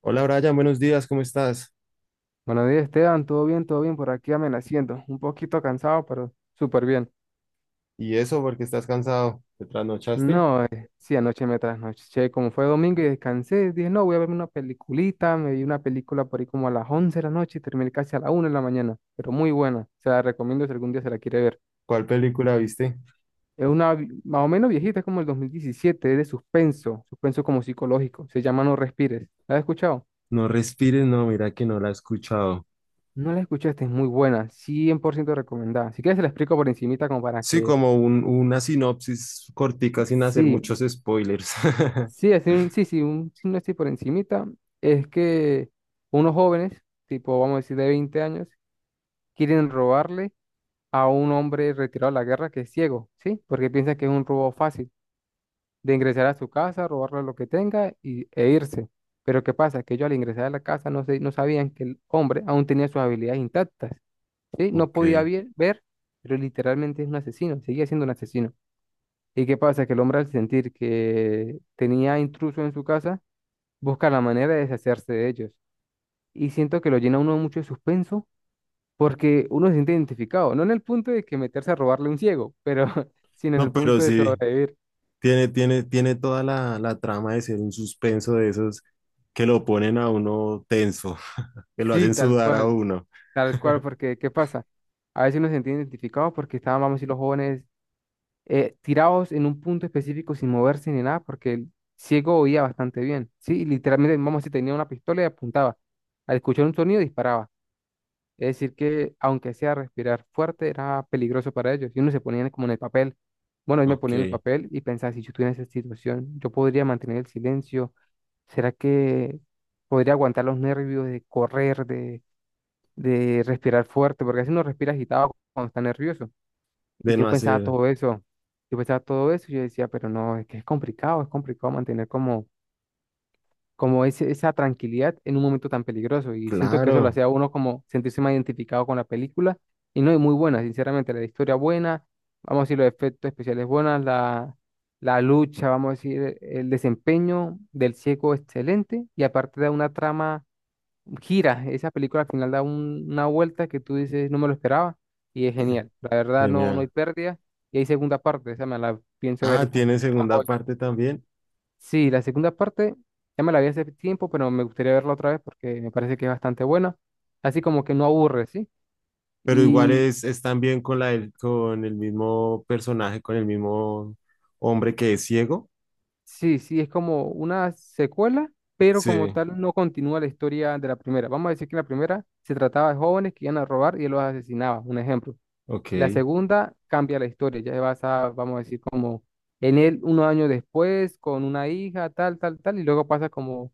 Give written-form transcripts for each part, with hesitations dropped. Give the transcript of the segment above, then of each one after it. Hola Brian, buenos días, ¿cómo estás? Buenos días, Esteban. ¿Todo bien? ¿Todo bien? Por aquí amaneciendo. Un poquito cansado, pero súper bien. ¿Y eso porque estás cansado? ¿Te trasnochaste? No, sí, anoche me trasnoché. Como fue domingo y descansé, dije, no, voy a verme una peliculita. Me vi una película por ahí como a las 11 de la noche y terminé casi a la 1 de la mañana. Pero muy buena. Se la recomiendo si algún día se la quiere ver. ¿Cuál película viste? Es más o menos viejita, es como el 2017. Es de suspenso. Suspenso como psicológico. Se llama No Respires. ¿La has escuchado? No respires, no, mira que no la he escuchado. No la escuchaste, es muy buena, cien por ciento recomendada. Si quieres, se la explico por encimita como para Sí, que. como una sinopsis cortica sin hacer Sí, muchos spoilers. sí, así sí, sí, un signo así por encimita. Es que unos jóvenes, tipo vamos a decir de 20 años, quieren robarle a un hombre retirado de la guerra que es ciego, ¿sí? Porque piensa que es un robo fácil, de ingresar a su casa, robarle lo que tenga e irse. Pero ¿qué pasa? Que ellos al ingresar a la casa no sabían que el hombre aún tenía sus habilidades intactas, ¿sí? No podía Ok. Ver, pero literalmente es un asesino, seguía siendo un asesino. ¿Y qué pasa? Que el hombre al sentir que tenía intruso en su casa, busca la manera de deshacerse de ellos. Y siento que lo llena uno mucho de suspenso porque uno se siente identificado, no en el punto de que meterse a robarle a un ciego, pero sino en el No, pero punto de sí, sobrevivir. tiene toda la trama de ser un suspenso de esos que lo ponen a uno tenso, que lo Sí, hacen sudar a uno. tal cual, porque ¿qué pasa? A veces uno se siente identificado porque estaban, vamos a decir, los jóvenes tirados en un punto específico sin moverse ni nada, porque el ciego oía bastante bien, ¿sí? Y literalmente, vamos a decir, tenía una pistola y apuntaba. Al escuchar un sonido disparaba. Es decir, que aunque sea respirar fuerte, era peligroso para ellos. Y uno se ponía como en el papel. Bueno, yo me ponía en el Ok. papel y pensaba, si yo estuviera en esa situación, yo podría mantener el silencio. ¿Será que podría aguantar los nervios de correr, de respirar fuerte? Porque así uno respira agitado cuando está nervioso. Y De yo no pensaba hacer. todo eso. Yo pensaba todo eso y yo decía, pero no, es que es complicado mantener como esa tranquilidad en un momento tan peligroso. Y siento que eso lo Claro. hacía a uno como sentirse más identificado con la película. Y no es muy buena, sinceramente, la historia buena, vamos a decir los efectos especiales buenos, la lucha, vamos a decir el desempeño del ciego excelente. Y aparte da una trama, gira, esa película al final da una vuelta que tú dices, no me lo esperaba. Y es genial. La verdad, no, no hay Genial. pérdida. Y hay segunda parte, esa me la pienso ver Ah, hasta. tiene segunda parte también. Sí, la segunda parte ya me la vi hace tiempo, pero me gustaría verla otra vez porque me parece que es bastante buena. Así como que no aburre, ¿sí? Pero igual Y es también con con el mismo personaje, con el mismo hombre que es ciego. sí, sí, es como una secuela, pero como Sí, tal no continúa la historia de la primera. Vamos a decir que la primera se trataba de jóvenes que iban a robar y él los asesinaba, un ejemplo. La ok. segunda cambia la historia, ya se basa, vamos a decir, como en él unos años después, con una hija, tal, tal, tal, y luego pasa como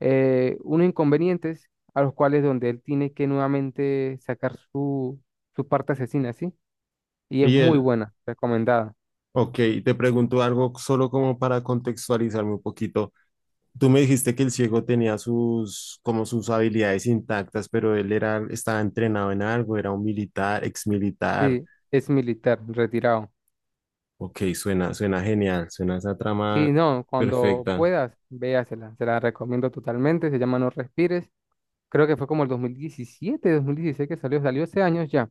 unos inconvenientes a los cuales donde él tiene que nuevamente sacar su parte asesina, ¿sí? Y es Y muy él, buena, recomendada. ok, te pregunto algo solo como para contextualizarme un poquito. Tú me dijiste que el ciego tenía sus, como sus habilidades intactas, pero él era, estaba entrenado en algo, era un militar, exmilitar. Sí, es militar, retirado. Ok, suena, suena genial, suena esa Sí, trama no, cuando perfecta. puedas, véasela, se la recomiendo totalmente, se llama No Respires, creo que fue como el 2017 2016 que salió, salió hace años ya,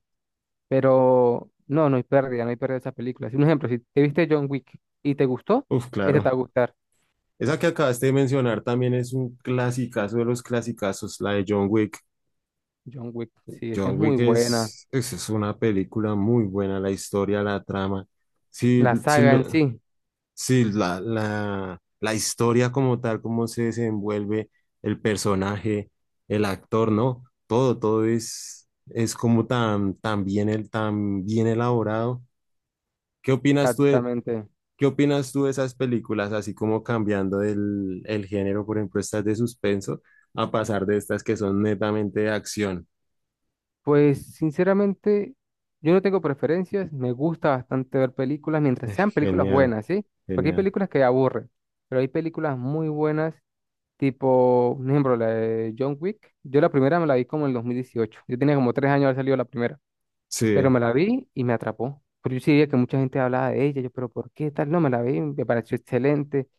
pero no, no hay pérdida, no hay pérdida de esa película. Si un ejemplo, si te viste John Wick y te gustó, Uf, esa te va claro. a gustar. Esa que acabaste de mencionar también es un clasicazo de los clasicazos, la de John Wick. John Wick, sí, esa John es muy Wick buena, es una película muy buena, la historia, la trama. Sí, la sí, saga en sí. sí, la historia como tal, cómo se desenvuelve el personaje, el actor, ¿no? Todo, todo es como tan, tan bien, el, tan bien elaborado. ¿Qué opinas tú de, Exactamente. ¿Qué opinas tú de esas películas, así como cambiando el género, por ejemplo, estas de suspenso, a pasar de estas que son netamente de acción? Pues sinceramente, yo no tengo preferencias, me gusta bastante ver películas mientras sean películas Genial, buenas, ¿sí? Porque hay genial. películas que aburren, pero hay películas muy buenas, tipo, por ejemplo, la de John Wick. Yo la primera me la vi como en el 2018, yo tenía como 3 años de haber salido la primera, pero Sí, me la vi y me atrapó. Pero yo sí veía que mucha gente hablaba de ella, yo, pero ¿por qué tal? No, me la vi, me pareció excelente.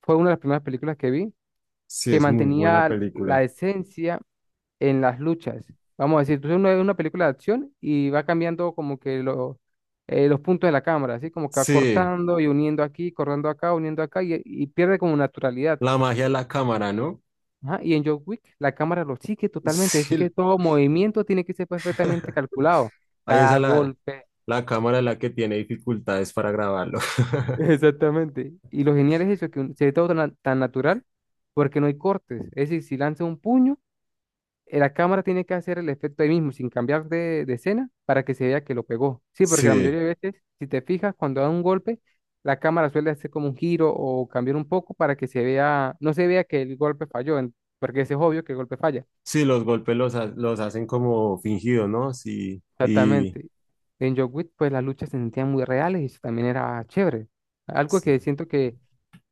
Fue una de las primeras películas que vi sí, que es muy buena mantenía película. la esencia en las luchas. Vamos a decir, tú ves una película de acción y va cambiando como que los puntos de la cámara, así como que va Sí, cortando y uniendo aquí, cortando acá, uniendo acá y pierde como naturalidad. la magia de la cámara, ¿no? Ajá. Y en John Wick la cámara lo sigue totalmente, así que Sí, todo movimiento tiene que ser perfectamente calculado, ahí cada golpe. la cámara es la que tiene dificultades para grabarlo. Exactamente. Y lo genial es eso, que se ve todo tan, tan natural porque no hay cortes. Es decir, si lanza un puño, la cámara tiene que hacer el efecto ahí mismo, sin cambiar de escena, para que se vea que lo pegó. Sí, porque la Sí, mayoría de veces, si te fijas, cuando da un golpe, la cámara suele hacer como un giro o cambiar un poco para que se vea, no se vea que el golpe falló, porque ese es obvio que el golpe falla. sí, los golpes los hacen como fingidos, ¿no? Sí, y Exactamente. En John Wick, pues las luchas se sentían muy reales y eso también era chévere. Algo que sí. siento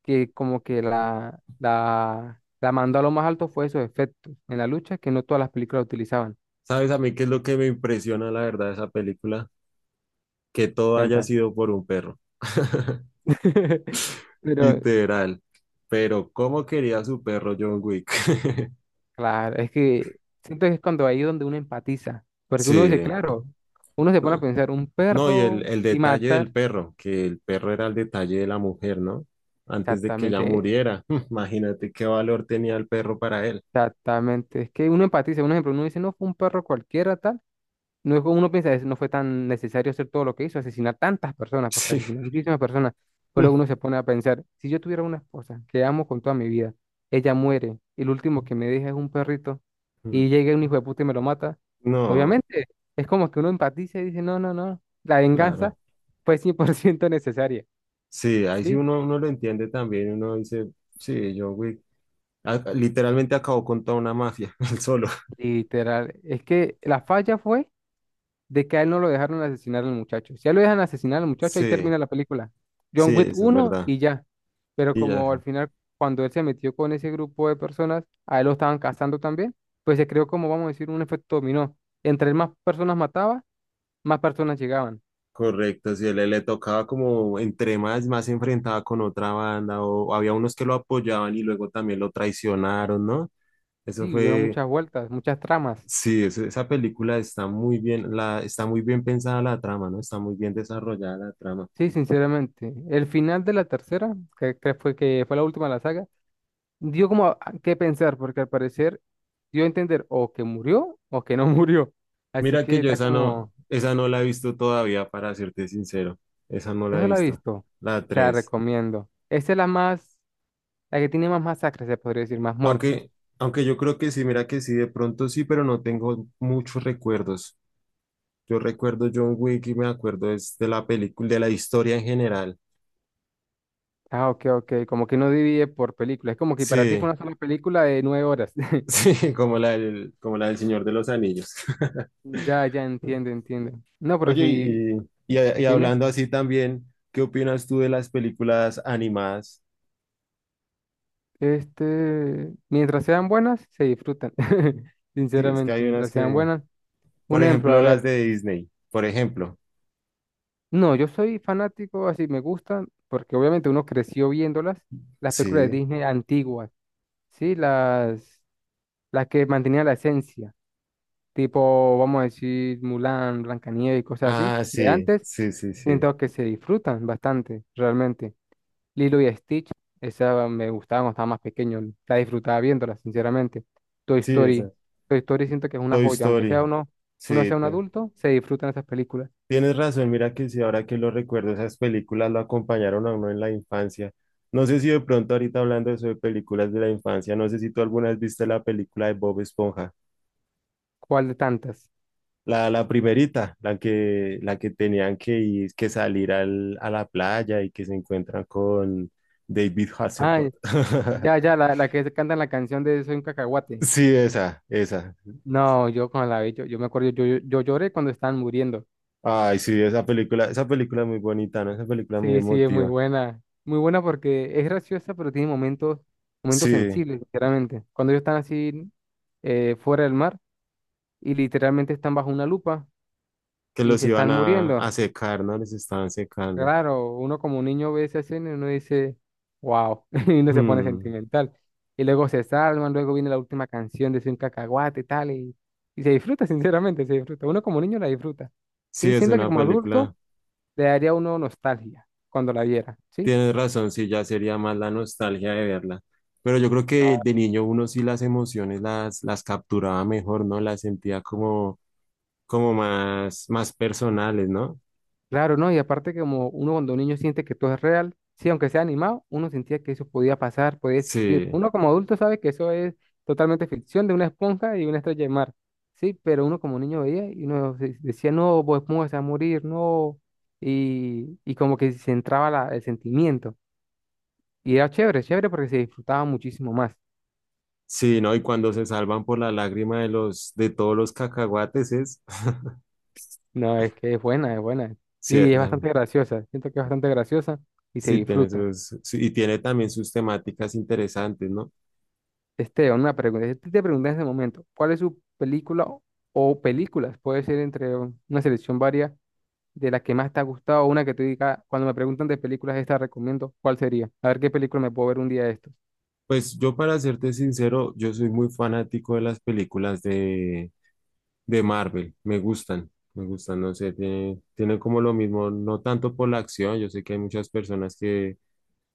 que como que la mandó a lo más alto fue esos efectos en la lucha que no todas las películas utilizaban. ¿Sabes a mí qué es lo que me impresiona, la verdad, de esa película? Que todo haya Cuenta. sido por un perro. Pero, Literal. Pero ¿cómo quería su perro John Wick? claro, es que siento que es cuando ahí donde uno empatiza, porque uno dice, Sí. claro, uno se pone a No, pensar, un no, y el, perro el y detalle del matar, perro, que el perro era el detalle de la mujer, ¿no? Antes de que ella exactamente, muriera. Imagínate qué valor tenía el perro para él. exactamente, es que uno empatiza, un ejemplo, uno dice, no, fue un perro cualquiera, tal. No es como uno piensa, no fue tan necesario hacer todo lo que hizo, asesinar tantas personas, porque Sí. asesinó muchísimas personas. Pero luego uno se pone a pensar, si yo tuviera una esposa que amo con toda mi vida, ella muere, y el último que me deja es un perrito, y llega un hijo de puta y me lo mata, No, obviamente es como que uno empatiza y dice, no, no, no, la venganza claro. fue 100% necesaria, Sí, ahí sí ¿sí? uno, uno lo entiende también. Uno dice, sí, John Wick a- literalmente acabó con toda una mafia, él solo. Literal, es que la falla fue de que a él no lo dejaron asesinar al muchacho. Si a él lo dejan asesinar al muchacho, ahí Sí, termina la película. John sí, Wick eso es uno verdad. y ya. Pero Y ya, como al final, cuando él se metió con ese grupo de personas, a él lo estaban cazando también, pues se creó como, vamos a decir, un efecto dominó. Entre más personas mataba, más personas llegaban. correcto, si él le tocaba como entre más, más se enfrentaba con otra banda, o había unos que lo apoyaban y luego también lo traicionaron, ¿no? Eso Sí, hubieron fue, muchas vueltas, muchas tramas. sí, esa película está muy bien, la, está muy bien pensada la trama, ¿no? Está muy bien desarrollada la trama. Sí, sinceramente. El final de la tercera, que fue la última de la saga, dio como a qué pensar, porque al parecer dio a entender o que murió o que no murió. Así Mira que que yo está como, esa no la he visto todavía, para serte sincero, esa no no la he se la ha visto, visto. la Se la 3. recomiendo. Esa es la más, la que tiene más masacres, se podría decir, más muertes. Aunque, aunque yo creo que sí, mira que sí, de pronto sí, pero no tengo muchos recuerdos. Yo recuerdo John Wick y me acuerdo es de la película, de la historia en general. Ah, ok, ok, como que no divide por películas. Es como que para ti Sí, fue una sola película de 9 horas. sí, como la del Señor de los Anillos. Ya, ya entiendo, entiendo. No, pero Oye, sí, y dime, hablando así también, ¿qué opinas tú de las películas animadas? Mientras sean buenas, se disfrutan. Sí, es que Sinceramente, hay unas mientras sean que, buenas. por Un ejemplo, ejemplo, a las ver. de Disney, por ejemplo. No, yo soy fanático, así me gustan, porque obviamente uno creció viéndolas, las películas Sí. de Disney antiguas, ¿sí? Las que mantenían la esencia, tipo, vamos a decir, Mulan, Blancanieves y cosas así, Ah, de sí, antes, sí, sí, sí. siento que se disfrutan bastante, realmente. Lilo y Stitch, esa me gustaba cuando estaba más pequeño, la disfrutaba viéndola, sinceramente. Toy Sí, Story, esa. Toy Story siento que es una Toy joya, aunque sea Story. Uno Sí, sea un adulto, se disfrutan esas películas. tienes razón, mira que sí, ahora que lo recuerdo, esas películas lo acompañaron a uno en la infancia. No sé si de pronto ahorita hablando de eso de películas de la infancia, no sé si tú alguna vez viste la película de Bob Esponja, ¿Cuál de tantas? La primerita, la que tenían que ir, que salir a la playa y que se encuentran con David Ah, Hasselhoff. ya, ya, la que canta la canción de Soy un cacahuate. Sí, esa, esa. No, yo cuando la vi, yo me acuerdo, yo lloré cuando estaban muriendo. Ay, sí, esa película es muy bonita, ¿no? Esa película es muy Sí, sí, es muy emotiva. buena. Muy buena porque es graciosa, pero tiene momentos Sí, sensibles, sinceramente. Cuando ellos están así fuera del mar y literalmente están bajo una lupa que y los se iban están muriendo. a secar, ¿no? Les estaban secando. Claro, uno como un niño ve esa escena y uno dice, wow, y uno se pone Hmm, sentimental. Y luego se salvan, luego viene la última canción de Soy un cacahuate y tal, y se disfruta, sinceramente, se disfruta. Uno como niño la disfruta. Sí, sí, es siento que una como adulto película. le daría a uno nostalgia cuando la viera, ¿sí? Tienes razón, sí, ya sería más la nostalgia de verla. Pero yo creo que de niño uno sí las emociones las capturaba mejor, ¿no? Las sentía como, como más, más personales, ¿no? Claro, ¿no? Y aparte que como uno cuando niño siente que todo es real, sí, aunque sea animado, uno sentía que eso podía pasar, podía existir. Sí, Uno como adulto sabe que eso es totalmente ficción de una esponja y una estrella de mar, sí, pero uno como niño veía y uno decía, no, Bob Esponja se va a morir, no, y como que se entraba el sentimiento. Y era chévere, chévere porque se disfrutaba muchísimo más. sí, ¿no? Y cuando se salvan por la lágrima de los, de todos los cacahuates es, No, es que es buena, es buena. sí, Y es bastante graciosa, siento que es bastante graciosa y se sí tiene disfruta. sus, sí, y tiene también sus temáticas interesantes, ¿no? Esteban, una pregunta. Si te pregunté en ese momento, ¿cuál es su película o películas? Puede ser entre una selección varia de las que más te ha gustado o una que te diga, cuando me preguntan de películas, esta recomiendo, ¿cuál sería? A ver qué película me puedo ver un día de estos. Pues yo para serte sincero, yo soy muy fanático de las películas de Marvel, me gustan, no sé, tienen como lo mismo, no tanto por la acción, yo sé que hay muchas personas que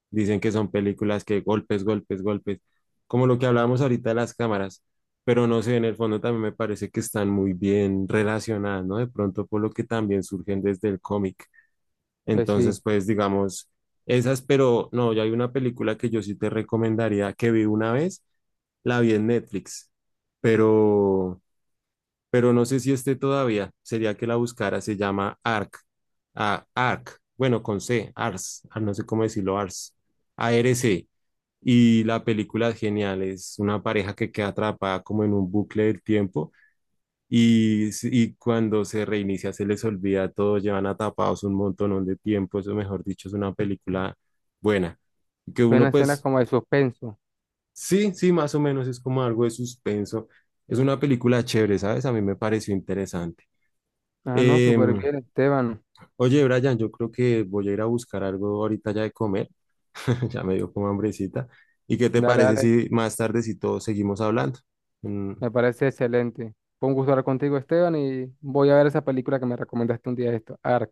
dicen que son películas que golpes, golpes, golpes, como lo que hablábamos ahorita de las cámaras, pero no sé, en el fondo también me parece que están muy bien relacionadas, ¿no? De pronto por lo que también surgen desde el cómic. Pues sí, Entonces, pues digamos, esas, pero no, ya hay una película que yo sí te recomendaría que vi una vez, la vi en Netflix, pero pero no sé si esté todavía. Sería que la buscara, se llama ARC. Ah, ARC, bueno, con C, ARS, ah, no sé cómo decirlo, ARS, ARC. Y la película es genial, es una pareja que queda atrapada como en un bucle del tiempo y, y cuando se reinicia se les olvida todo, llevan atapados un montón de tiempo, eso mejor dicho, es una película buena. Que uno suena, suena pues, como de suspenso. sí, sí, más o menos es como algo de suspenso. Es una película chévere, ¿sabes? A mí me pareció interesante. Ah, no, súper Em, bien, Esteban. oye, Brian, yo creo que voy a ir a buscar algo ahorita ya de comer. Ya me dio como hambrecita. ¿Y qué te Dale, parece dale, si más tarde, si todos seguimos hablando? Mm, me parece excelente. Fue un gusto hablar contigo, Esteban, y voy a ver esa película que me recomendaste un día de estos, Ark.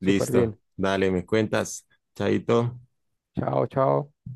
Súper listo, bien. dale, me cuentas. Chaito. Chao, chao.